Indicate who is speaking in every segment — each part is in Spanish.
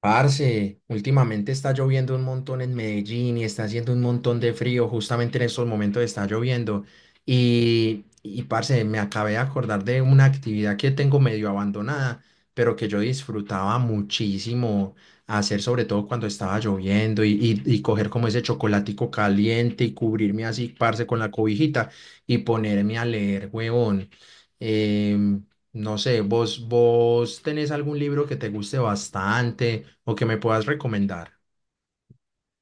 Speaker 1: Parce, últimamente está lloviendo un montón en Medellín y está haciendo un montón de frío, justamente en estos momentos está lloviendo. Y parce, me acabé de acordar de una actividad que tengo medio abandonada, pero que yo disfrutaba muchísimo hacer, sobre todo cuando estaba lloviendo y coger como ese chocolatico caliente y cubrirme así, parce, con la cobijita y ponerme a leer, huevón. Em, no sé, vos tenés algún libro que te guste bastante o que me puedas recomendar.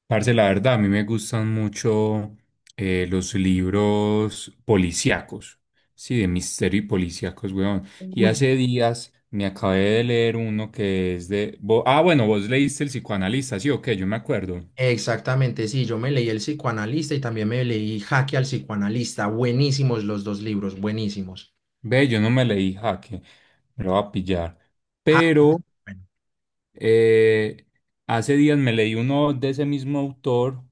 Speaker 2: Parce, la verdad, a mí me gustan mucho los libros policíacos, sí, de misterio y policíacos, weón. Y
Speaker 1: Uy,
Speaker 2: hace días me acabé de leer uno que es bueno, vos leíste El psicoanalista, sí, ok, yo me acuerdo.
Speaker 1: exactamente, sí, yo me leí El psicoanalista y también me leí Jaque al psicoanalista. Buenísimos los dos libros, buenísimos.
Speaker 2: Ve, yo no me leí Jaque, me lo va a pillar.
Speaker 1: Ja-
Speaker 2: Pero
Speaker 1: bueno,
Speaker 2: Eh, Hace días me leí uno de ese mismo autor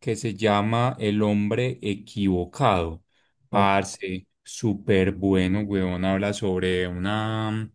Speaker 2: que se llama El hombre equivocado.
Speaker 1: ok.
Speaker 2: Parce, súper bueno, weón. Habla sobre una,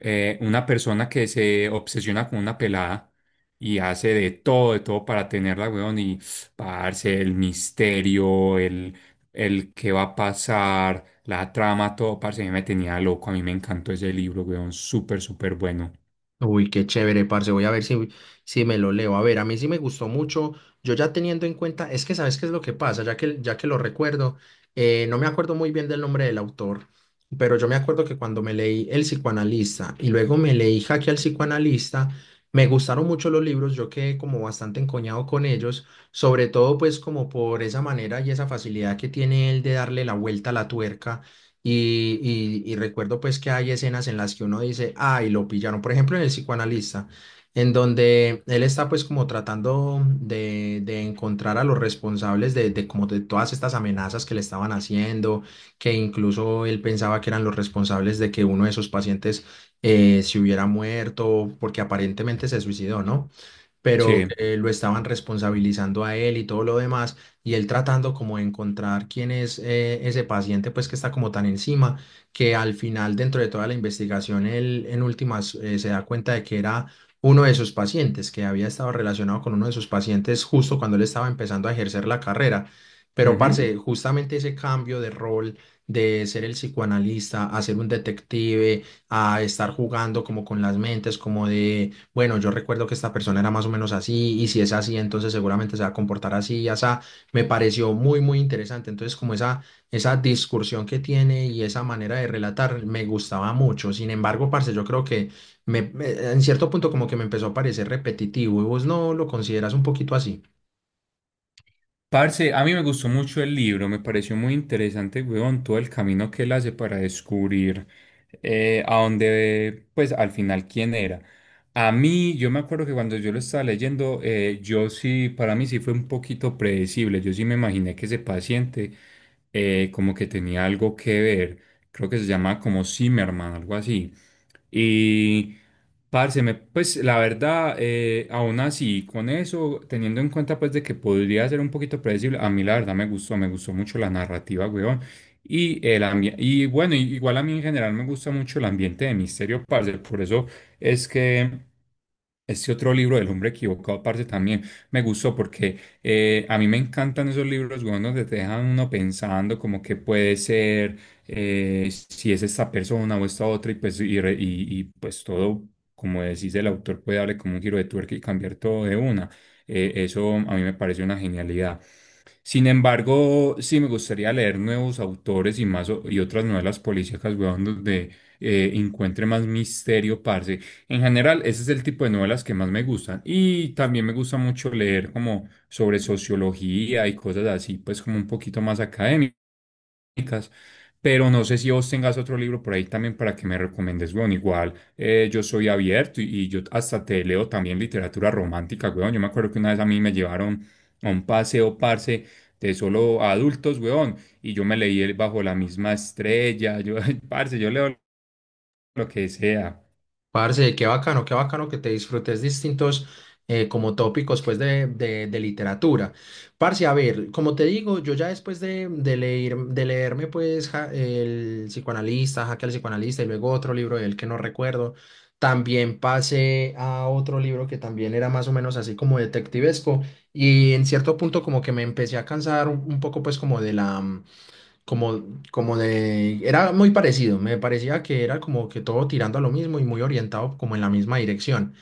Speaker 2: eh, una persona que se obsesiona con una pelada y hace de todo para tenerla, weón. Y, parce, el qué va a pasar, la trama, todo, parce, a mí me tenía loco. A mí me encantó ese libro, weón. Súper, súper bueno.
Speaker 1: Uy, qué chévere, parce. Voy a ver si me lo leo. A ver, a mí sí me gustó mucho. Yo ya teniendo en cuenta, es que sabes qué es lo que pasa, ya que lo recuerdo. No me acuerdo muy bien del nombre del autor, pero yo me acuerdo que cuando me leí El psicoanalista y luego me leí Jaque al psicoanalista, me gustaron mucho los libros. Yo quedé como bastante encoñado con ellos, sobre todo pues como por esa manera y esa facilidad que tiene él de darle la vuelta a la tuerca, y recuerdo pues que hay escenas en las que uno dice, ay, lo pillaron. Por ejemplo, en el psicoanalista, en donde él está pues como tratando de encontrar a los responsables de como de todas estas amenazas que le estaban haciendo, que incluso él pensaba que eran los responsables de que uno de sus pacientes se hubiera muerto porque aparentemente se suicidó, ¿no? Pero
Speaker 2: Sí.
Speaker 1: que lo estaban responsabilizando a él y todo lo demás, y él tratando como de encontrar quién es, ese paciente, pues que está como tan encima, que al final, dentro de toda la investigación, él en últimas se da cuenta de que era uno de sus pacientes, que había estado relacionado con uno de sus pacientes justo cuando él estaba empezando a ejercer la carrera. Pero,
Speaker 2: Ujú.
Speaker 1: parce, justamente ese cambio de rol, de ser el psicoanalista a ser un detective, a estar jugando como con las mentes, como de, bueno, yo recuerdo que esta persona era más o menos así, y si es así, entonces seguramente se va a comportar así y así. Me pareció muy, muy interesante. Entonces, como esa discursión que tiene y esa manera de relatar me gustaba mucho. Sin embargo, parce, yo creo que en cierto punto como que me empezó a parecer repetitivo, y vos no lo consideras un poquito así.
Speaker 2: Parce, a mí me gustó mucho el libro, me pareció muy interesante, weón, todo el camino que él hace para descubrir pues al final quién era. A mí, yo me acuerdo que cuando yo lo estaba leyendo, yo sí, para mí sí fue un poquito predecible, yo sí me imaginé que ese paciente como que tenía algo que ver, creo que se llama como Zimmerman, algo así. Y pues la verdad, aún así, con eso, teniendo en cuenta pues de que podría ser un poquito predecible, a mí la verdad me gustó mucho la narrativa, weón. Y, el ambi- y Bueno, igual a mí en general me gusta mucho el ambiente de misterio, parce, por eso es que este otro libro del hombre equivocado, aparte también me gustó porque a mí me encantan esos libros, weón, donde te dejan uno pensando como que puede ser, si es esta persona o esta otra, pues todo, como decís, el autor puede darle como un giro de tuerca y cambiar todo de una. Eso a mí me parece una genialidad. Sin embargo, sí me gustaría leer nuevos autores y otras novelas policíacas, weón, donde encuentre más misterio, parce. En general, ese es el tipo de novelas que más me gustan. Y también me económicas, pero no sé si vos tengas otro libro por ahí también para que me recomiendes, weón. Igual yo soy abierto y yo hasta te leo también literatura romántica, weón. Yo me acuerdo que una vez a mí me llevaron a un paseo, parce, de solo adultos, weón, y yo me leí el Bajo la misma estrella, yo, parce, yo leo lo que sea.
Speaker 1: Parce, qué bacano que te disfrutes distintos, como tópicos pues de literatura. Parce, a ver, como te digo, yo ya después de leer, de leerme pues el psicoanalista, Jaque al psicoanalista y luego otro libro de él que no recuerdo, también pasé a otro libro que también era más o menos así como detectivesco, y en cierto punto como que me empecé a cansar un poco pues como de la, como, como de, era muy parecido, me parecía que era como que todo tirando a lo mismo y muy orientado como en la misma dirección.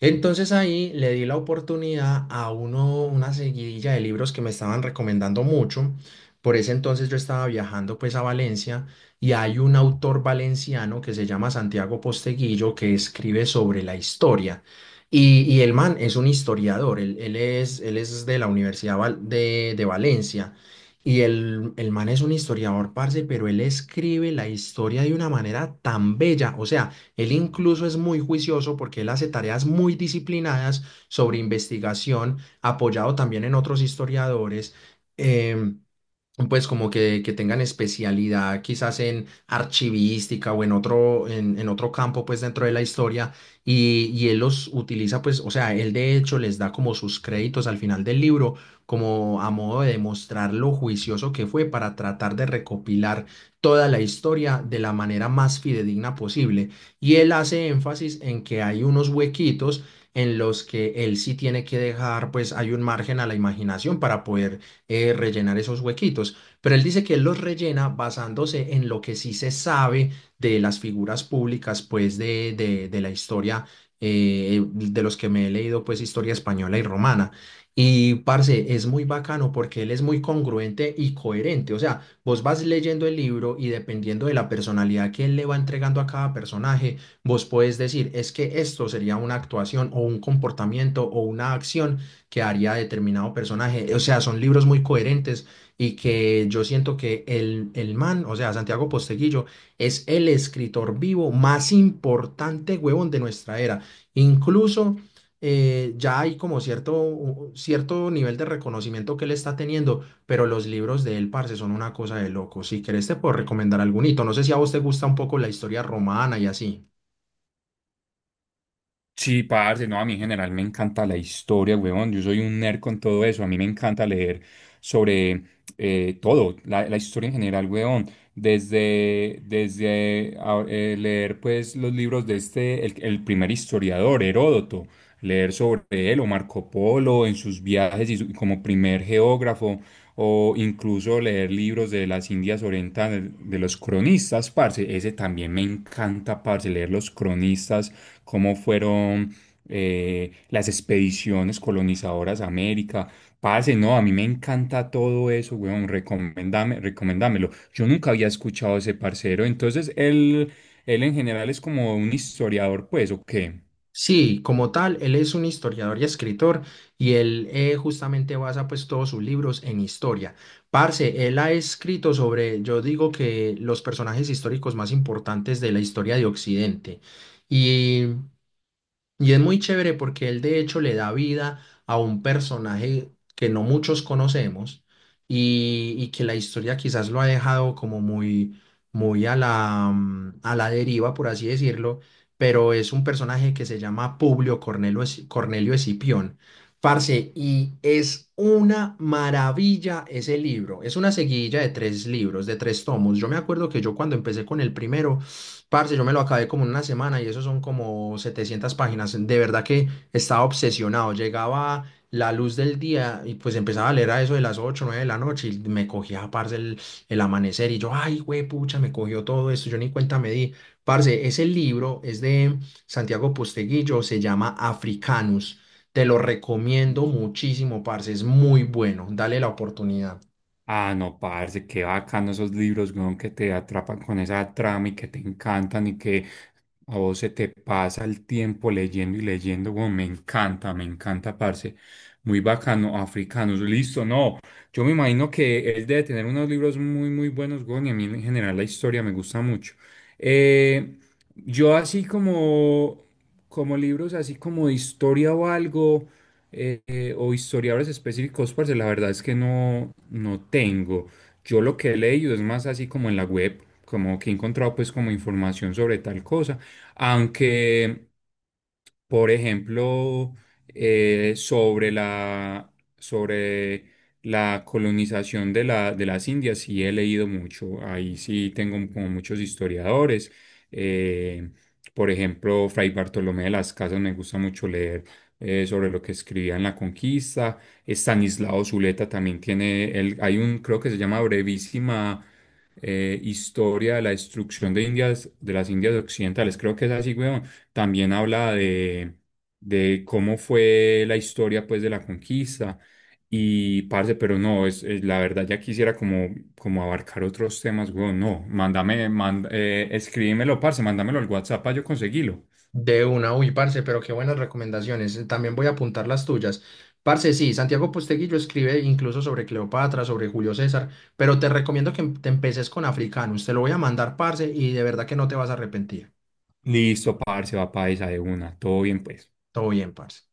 Speaker 1: Entonces ahí le di la oportunidad a uno, una seguidilla de libros que me estaban recomendando mucho. Por ese entonces yo estaba viajando pues a Valencia, y hay un autor valenciano que se llama Santiago Posteguillo, que escribe sobre la historia. Y el man es un historiador, él es de la Universidad de Valencia. Y el man es un historiador, parce, pero él escribe la historia de una manera tan bella. O sea, él incluso es muy juicioso porque él hace tareas muy disciplinadas sobre investigación, apoyado también en otros historiadores. em, pues como que tengan especialidad quizás en archivística o en otro, en otro campo pues dentro de la historia, y él los utiliza pues, o sea, él de hecho les da como sus créditos al final del libro, como a modo de demostrar lo juicioso que fue para tratar de recopilar toda la historia de la manera más fidedigna posible. Y él hace énfasis en que hay unos huequitos en los que él sí tiene que dejar, pues hay un margen a la imaginación para poder, rellenar esos huequitos. Pero él dice que él los rellena basándose en lo que sí se sabe de las figuras públicas, pues de la historia, de los que me he leído, pues historia española y romana. Y parce, es muy bacano porque él es muy congruente y coherente. O sea, vos vas leyendo el libro y, dependiendo de la personalidad que él le va entregando a cada personaje, vos podés decir, es que esto sería una actuación o un comportamiento o una acción que haría determinado personaje. O sea, son libros muy coherentes, y que yo siento que el man, o sea, Santiago Posteguillo, es el escritor vivo más importante, huevón, de nuestra era. Incluso, ya hay como cierto, cierto nivel de reconocimiento que él está teniendo, pero los libros de él, parce, son una cosa de loco. Si querés, te puedo recomendar algún hito. No sé si a vos te gusta un poco la historia romana y así.
Speaker 2: Sí, parce, no, a mí en general me encanta la historia, huevón. Yo soy un nerd con todo eso. A mí me encanta leer sobre todo, la historia en general, huevón. Desde leer, pues, los libros de este, el primer historiador, Heródoto, leer sobre él o Marco Polo en sus viajes como primer geógrafo, o incluso leer libros de las Indias Orientales, de los cronistas, parce. Ese también me encanta, parce, leer los cronistas cómo fueron las expediciones colonizadoras a América. Parce, no, a mí me encanta todo eso, weón, recomendame, recomendámelo. Yo nunca había escuchado a ese parcero, él en general es como un historiador, pues, ¿o qué?
Speaker 1: Sí, como tal, él es un historiador y escritor, y él, justamente basa pues todos sus libros en historia. Parce, él ha escrito sobre, yo digo que, los personajes históricos más importantes de la historia de Occidente. Y es muy chévere porque él de hecho le da vida a un personaje que no muchos conocemos, y que la historia quizás lo ha dejado como muy, muy a la, a la deriva, por así decirlo, pero es un personaje que se llama Publio Cornelio, Cornelio Escipión. Parce, y es una maravilla ese libro. Es una seguidilla de tres libros, de tres tomos. Yo me acuerdo que yo, cuando empecé con el primero, parce, yo me lo acabé como en una semana, y eso son como 700 páginas. De verdad que estaba obsesionado. Llegaba la luz del día y pues empezaba a leer a eso de las 8, 9 de la noche y me cogía, parce, el amanecer, y yo, ay, güey, pucha, me cogió todo esto. Yo ni cuenta me di. Parce, ese libro es de Santiago Posteguillo, se llama Africanus. Te lo recomiendo muchísimo, parce, es muy bueno. Dale la oportunidad.
Speaker 2: Ah, no, parce, qué bacano esos libros, weón, que te atrapan con esa trama y que te encantan y que a vos se te pasa el tiempo leyendo y leyendo, weón, me encanta, parce. Muy bacano, africanos, listo, no. Yo me imagino que él debe tener unos libros muy, muy buenos, weón, y a mí en general la historia me gusta mucho. Eh, yo así como, Como libros, así como de historia o algo, o historiadores específicos, parce, la verdad es que no, no tengo. Yo lo que he leído es más así como en la web, como que he encontrado pues como información sobre tal cosa aunque, por ejemplo, eh, sobre la, sobre la colonización de de las Indias, sí he leído mucho. Ahí sí tengo como muchos historiadores. Eh, por ejemplo, Fray Bartolomé de las Casas me gusta mucho leer sobre lo que escribía en la conquista. Estanislao Zuleta también tiene, el hay un, creo que se llama Brevísima Historia de la Destrucción de Indias, de las Indias Occidentales. Creo que es así, weón, también habla de cómo fue la historia pues de la conquista y parce, pero no, la verdad ya quisiera como, como abarcar otros temas, weón, no, escríbemelo, parce, mándamelo al WhatsApp para yo conseguirlo.
Speaker 1: De una, uy, parce, pero qué buenas recomendaciones. También voy a apuntar las tuyas. Parce, sí, Santiago Posteguillo escribe incluso sobre Cleopatra, sobre Julio César, pero te recomiendo que, te empeces con Africanus. Te lo voy a mandar, parce, y de verdad que no te vas a arrepentir.
Speaker 2: Listo, parce, va paisa de una, todo bien pues.
Speaker 1: Todo bien, parce.